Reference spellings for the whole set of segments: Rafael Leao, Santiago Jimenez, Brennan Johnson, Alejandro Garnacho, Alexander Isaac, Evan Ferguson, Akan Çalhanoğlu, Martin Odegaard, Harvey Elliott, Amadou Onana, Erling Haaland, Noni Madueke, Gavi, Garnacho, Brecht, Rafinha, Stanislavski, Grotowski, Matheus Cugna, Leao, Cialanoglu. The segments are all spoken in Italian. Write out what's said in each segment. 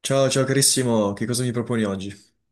Ciao, ciao carissimo, che cosa mi proponi oggi?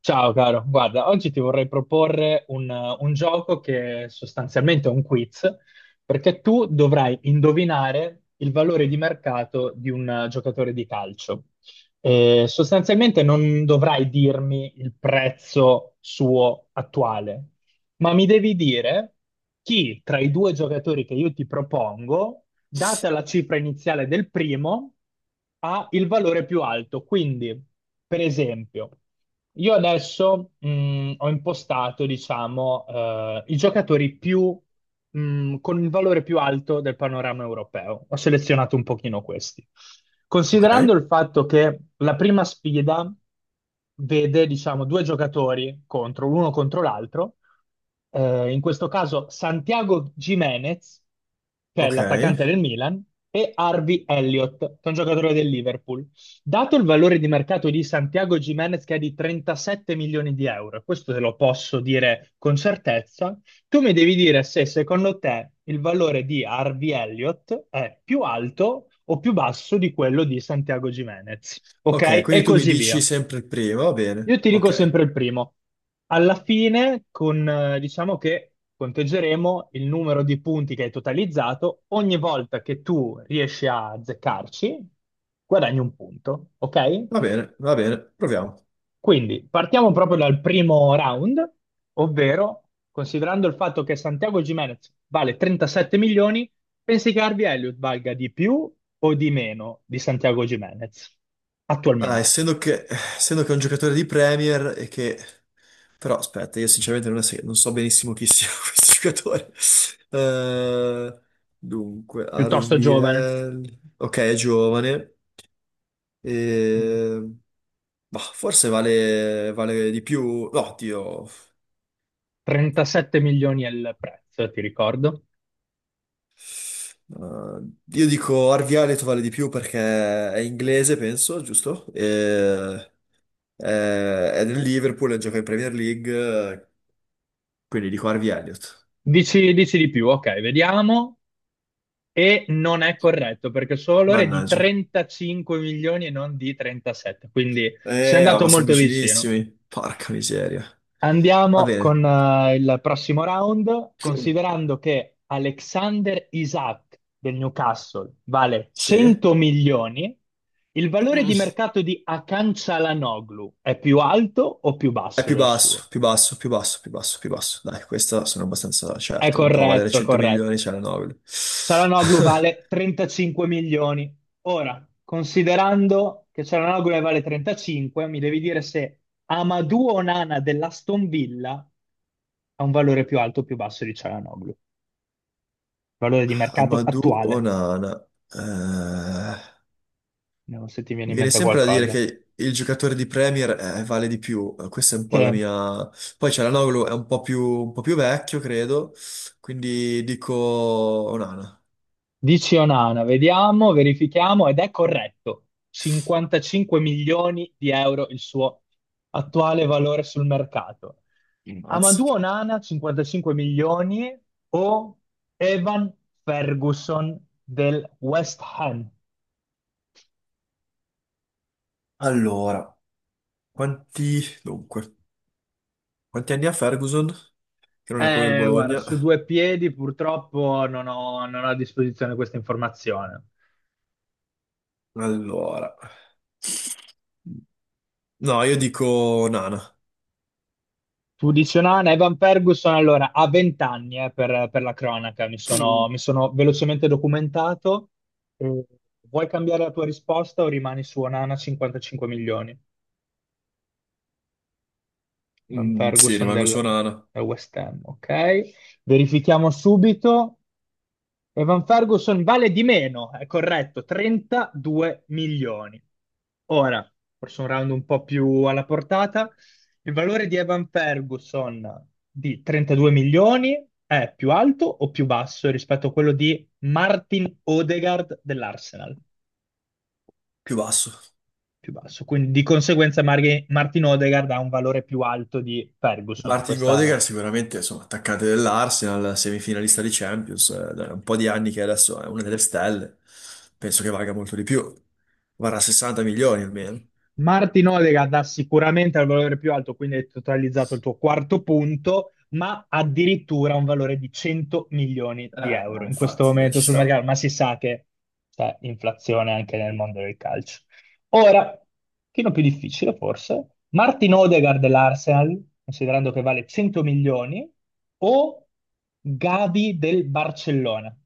Ciao caro, guarda, oggi ti vorrei proporre un gioco che è sostanzialmente un quiz, perché tu dovrai indovinare il valore di mercato di un giocatore di calcio. Sostanzialmente non dovrai dirmi il prezzo suo attuale, ma mi devi dire chi tra i due giocatori che io ti propongo data la cifra iniziale del primo, ha il valore più alto. Quindi, per esempio, io adesso ho impostato, diciamo, i giocatori più, con il valore più alto del panorama europeo. Ho selezionato un pochino questi. Ok, Considerando il fatto che la prima sfida vede, diciamo, due giocatori contro, l'uno contro l'altro, in questo caso Santiago Jimenez, che è ok, l'attaccante del Milan, e Harvey Elliott, che è un giocatore del Liverpool. Dato il valore di mercato di Santiago Jimenez, che è di 37 milioni di euro, questo te lo posso dire con certezza, tu mi devi dire se secondo te il valore di Harvey Elliott è più alto o più basso di quello di Santiago Jimenez. ok, Ok? E quindi tu mi così dici via. sempre il primo, va Io bene, ti dico ok, sempre il primo. Alla fine, diciamo che conteggeremo il numero di punti che hai totalizzato. Ogni volta che tu riesci a azzeccarci, guadagni un punto, ok? Va bene, proviamo. Quindi partiamo proprio dal primo round, ovvero considerando il fatto che Santiago Gimenez vale 37 milioni, pensi che Harvey Elliott valga di più o di meno di Santiago Gimenez Ah, attualmente? Essendo che è un giocatore di Premier e che... Però aspetta, io sinceramente non, se- non so benissimo chi sia questo giocatore. Eh, Dunque, Piuttosto giovane. RVL... Ok, è giovane, Mm. e... Bah, vale di più... No, Dio. 37 milioni è il prezzo, ti ricordo. Uh, io dico Arvialet vale di più perché è inglese, penso, giusto? È, è nel Liverpool, gioca in Premier League, eh, quindi dico Harvey Elliott. Dici di più, ok, vediamo. E non è corretto perché il suo valore è di Mannaggia. 35 milioni e non di 37, quindi si è andato Ma sono molto vicino. vicinissimi. Porca miseria. Va Andiamo con bene. eh, il prossimo round, considerando che Alexander Isaac del Newcastle vale Sì. 100 milioni, il valore di mercato di Akan Çalhanoğlu è più alto o più È basso più del suo? basso, più basso, più basso, più basso, più basso. Dai, questa sono abbastanza È certo. Non può valere corretto, è 100 milioni, corretto. c'è la Nobel. Cialanoglu vale 35 milioni. Ora, considerando che Cialanoglu ne vale 35, mi devi dire se Amadou Onana dell'Aston Villa ha un valore più alto o più basso di Cialanoglu. Valore di mercato Amadou attuale, Onana. Eh, non so se ti viene Mi in viene mente sempre da dire qualcosa. che il giocatore di Premier vale di più. Questa è un po' la Sì. mia... Poi Cialanoglu è un po' più vecchio, credo, quindi dico Onana. Dici Onana, vediamo, verifichiamo ed è corretto. 55 milioni di euro il suo attuale valore sul mercato. Mm. Mazza. Amadou Onana 55 milioni o Evan Ferguson del West Ham? Allora, quanti... Dunque, quanti anni ha Ferguson? Che non è quello del Guarda, Bologna. su due piedi purtroppo non ho a disposizione questa informazione. Allora... No, io dico Onana. Tu dici, no, no, Evan Ferguson, allora, ha 20 anni per la cronaca, mi Mm. sono, mi sono velocemente documentato. Eh, vuoi cambiare la tua risposta o rimani su Onana 55 milioni? Evan Mm, sì, Ferguson rimango del, su Onana. del West Ham, ok? Verifichiamo subito. Evan Ferguson vale di meno, è corretto, 32 milioni. Ora, forse un round un po' più alla portata, il valore di Evan Ferguson di 32 milioni è più alto o più basso rispetto a quello di Martin Odegaard dell'Arsenal? Più basso. Più basso, quindi di conseguenza Martin Odegaard ha un valore più alto di Ferguson. Martin Odegaard Questa sicuramente, insomma, attaccante dell'Arsenal, semifinalista di Champions, da un po' di anni che adesso è una delle stelle, penso che valga molto di più, varrà 60 milioni almeno. Martin Odegaard dà sicuramente al valore più alto, quindi hai totalizzato il tuo quarto punto, ma addirittura un valore di 100 milioni Eh, di euro in questo Infatti, dai, momento ci sul sta. mercato, ma si sa che c'è inflazione anche nel mondo del calcio. Ora, un pochino più difficile forse, Martin Odegaard dell'Arsenal, considerando che vale 100 milioni, o Gavi del Barcellona?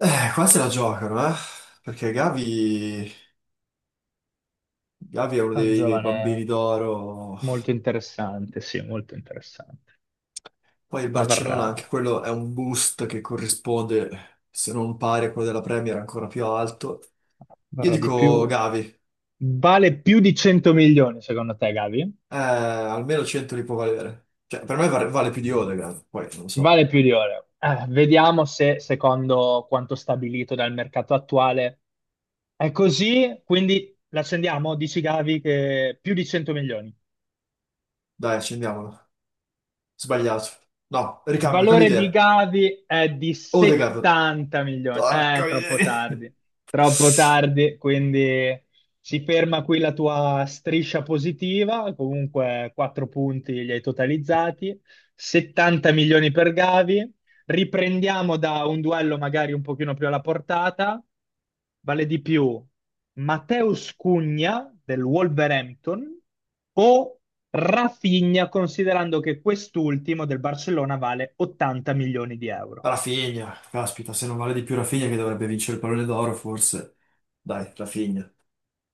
Qua se la giocano, eh? Perché Gavi, Gavi è uno È un dei, dei bambini giovane d'oro. molto interessante, sì, molto interessante, Poi il ma varrà... Barcellona, anche quello è un boost che corrisponde, se non pari a quello della Premier, ancora più alto. Io Varrà di dico più. Gavi. Vale più di 100 milioni, secondo te, Gavi? Almeno 100 li può valere. Cioè, vale più di Odegaard, poi non lo so. Vale più di oro. Vediamo se, secondo quanto stabilito dal mercato attuale, è così. Quindi l'accendiamo, dici Gavi, che più di 100 milioni. Dai, accendiamolo. Sbagliato. No, Il ricambio, cambio valore di idea. Gavi è di Odegaard. 70 milioni. Eh, Porca troppo miseria. tardi, troppo tardi, quindi si ferma qui la tua striscia positiva, comunque 4 punti li hai totalizzati, 70 milioni per Gavi. Riprendiamo da un duello magari un pochino più alla portata, vale di più Matheus Cugna del Wolverhampton o Rafinha, considerando che quest'ultimo del Barcellona vale 80 milioni di euro. Rafinha, caspita, se non vale di più Rafinha che dovrebbe vincere il pallone d'oro, forse. Dai, Rafinha.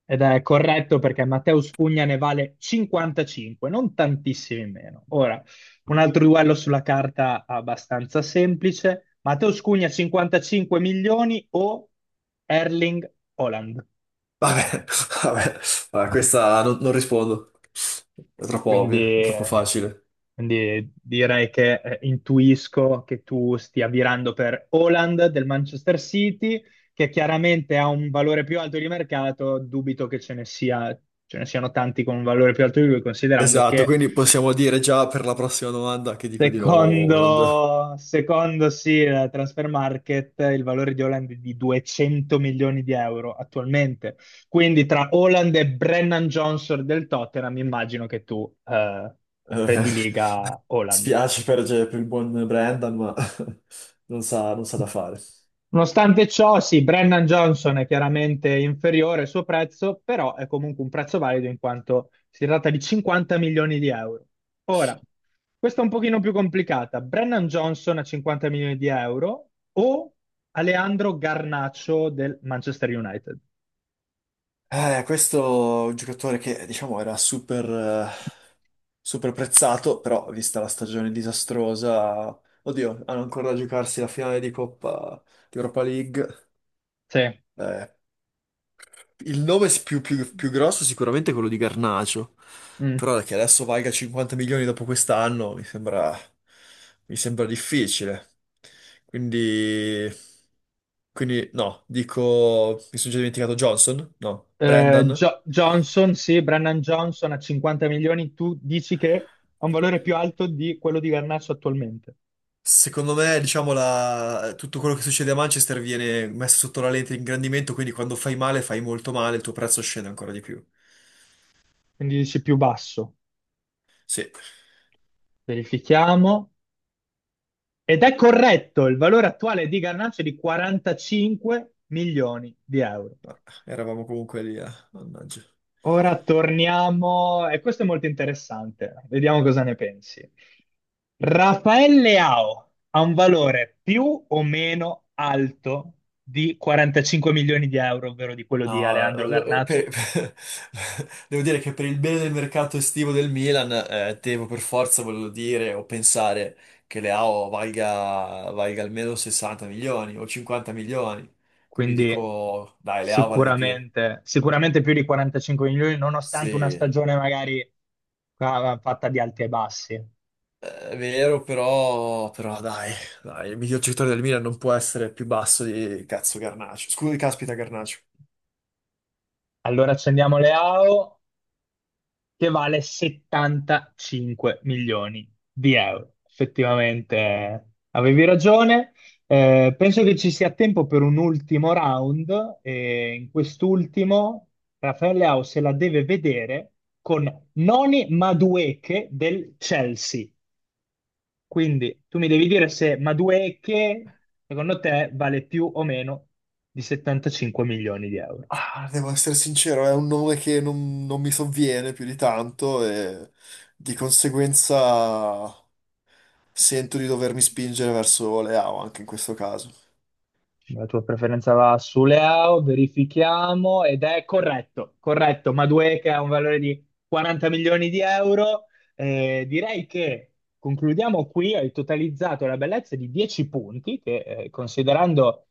Ed è corretto perché Mateus Cugna ne vale 55, non tantissimi meno. Ora, un altro duello sulla carta abbastanza semplice. Mateus Cugna 55 milioni o Erling Haaland. Vabbè, vabbè, questa non rispondo. È troppo Quindi ovvia, è troppo eh, facile. Quindi direi che intuisco che tu stia virando per Haaland del Manchester City, che chiaramente ha un valore più alto di mercato. Dubito che ce ne siano tanti con un valore più alto di lui, considerando Esatto, che quindi possiamo dire già per la prossima domanda che dico di nuovo Holland. secondo sì, la Transfer Market, il valore di Haaland è di 200 milioni di euro attualmente. Quindi tra Haaland e Brennan Johnson del Tottenham, immagino che tu Eh, prediliga Haaland. spiace per il buon Brendan, ma non sa da fare. Nonostante ciò, sì, Brennan Johnson è chiaramente inferiore al suo prezzo, però è comunque un prezzo valido in quanto si tratta di 50 milioni di euro. Ora, questa è un pochino più complicata. Brennan Johnson a 50 milioni di euro o Alejandro Garnacho del Manchester United? Questo è un giocatore che, diciamo, era super, eh, super prezzato, però vista la stagione disastrosa, oddio, hanno ancora da giocarsi la finale di Coppa di Europa League. Sì. Eh, Il nome più grosso è sicuramente è quello di Garnacio, Mm. però che adesso valga 50 milioni dopo quest'anno mi sembra difficile. Quindi, quindi no, dico, mi sono già dimenticato Johnson, no, Brendan. Johnson, sì, Brennan Johnson a 50 milioni, tu dici che ha un valore più alto di quello di Garnacho attualmente, Secondo me, diciamo, la- tutto quello che succede a Manchester viene messo sotto la lente di ingrandimento, quindi quando fai male, fai molto male, il tuo prezzo scende ancora di più. quindi dici più basso. Sì, Verifichiamo. Ed è corretto, il valore attuale di Garnacho è di 45 milioni di euro. ma eravamo comunque lì, eh. Mannaggia. Ora torniamo, e questo è molto interessante, vediamo cosa ne pensi. Rafael Leao ha un valore più o meno alto di 45 milioni di euro, ovvero di quello di No, Alejandro eh, lo- eh, Garnacho, per- Devo dire che per il bene del mercato estivo del Milan, devo per forza volerlo dire o pensare che Leao valga almeno 60 milioni o 50 milioni. Quindi quindi dico, dai, Leao vale di più. sicuramente, sicuramente più di 45 milioni, Sì, nonostante una stagione magari fatta di alti e bassi. è vero, però dai, il miglior giocatore del Milan non può essere più basso di cazzo Garnacho. Scusi, caspita, Garnacho. Allora accendiamo le AO che vale 75 milioni di euro. Effettivamente avevi ragione. Penso che ci sia tempo per un ultimo round e in quest'ultimo Raffaele Leao se la deve vedere con Noni Madueke del Chelsea. Quindi tu mi devi dire se Madueke secondo te vale più o meno di 75 milioni di euro. Ah, devo essere sincero, è un nome che non mi sovviene più di tanto e di conseguenza sento di dovermi spingere verso Leao anche in questo caso. La tua preferenza va su Leao, verifichiamo ed è corretto, corretto. Madueke che ha un valore di 40 milioni di euro. Direi che concludiamo qui. Hai totalizzato la bellezza di 10 punti, che considerando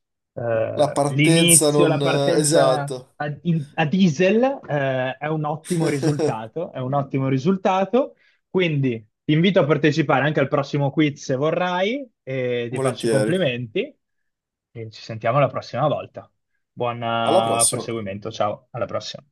La partenza l'inizio, non... la partenza esatto. A diesel, è un ottimo risultato. È un ottimo risultato. Quindi ti invito a partecipare anche al prossimo quiz se vorrai e ti faccio i Volentieri. complimenti e ci sentiamo la prossima volta. Buon Alla prossima. proseguimento, ciao, alla prossima.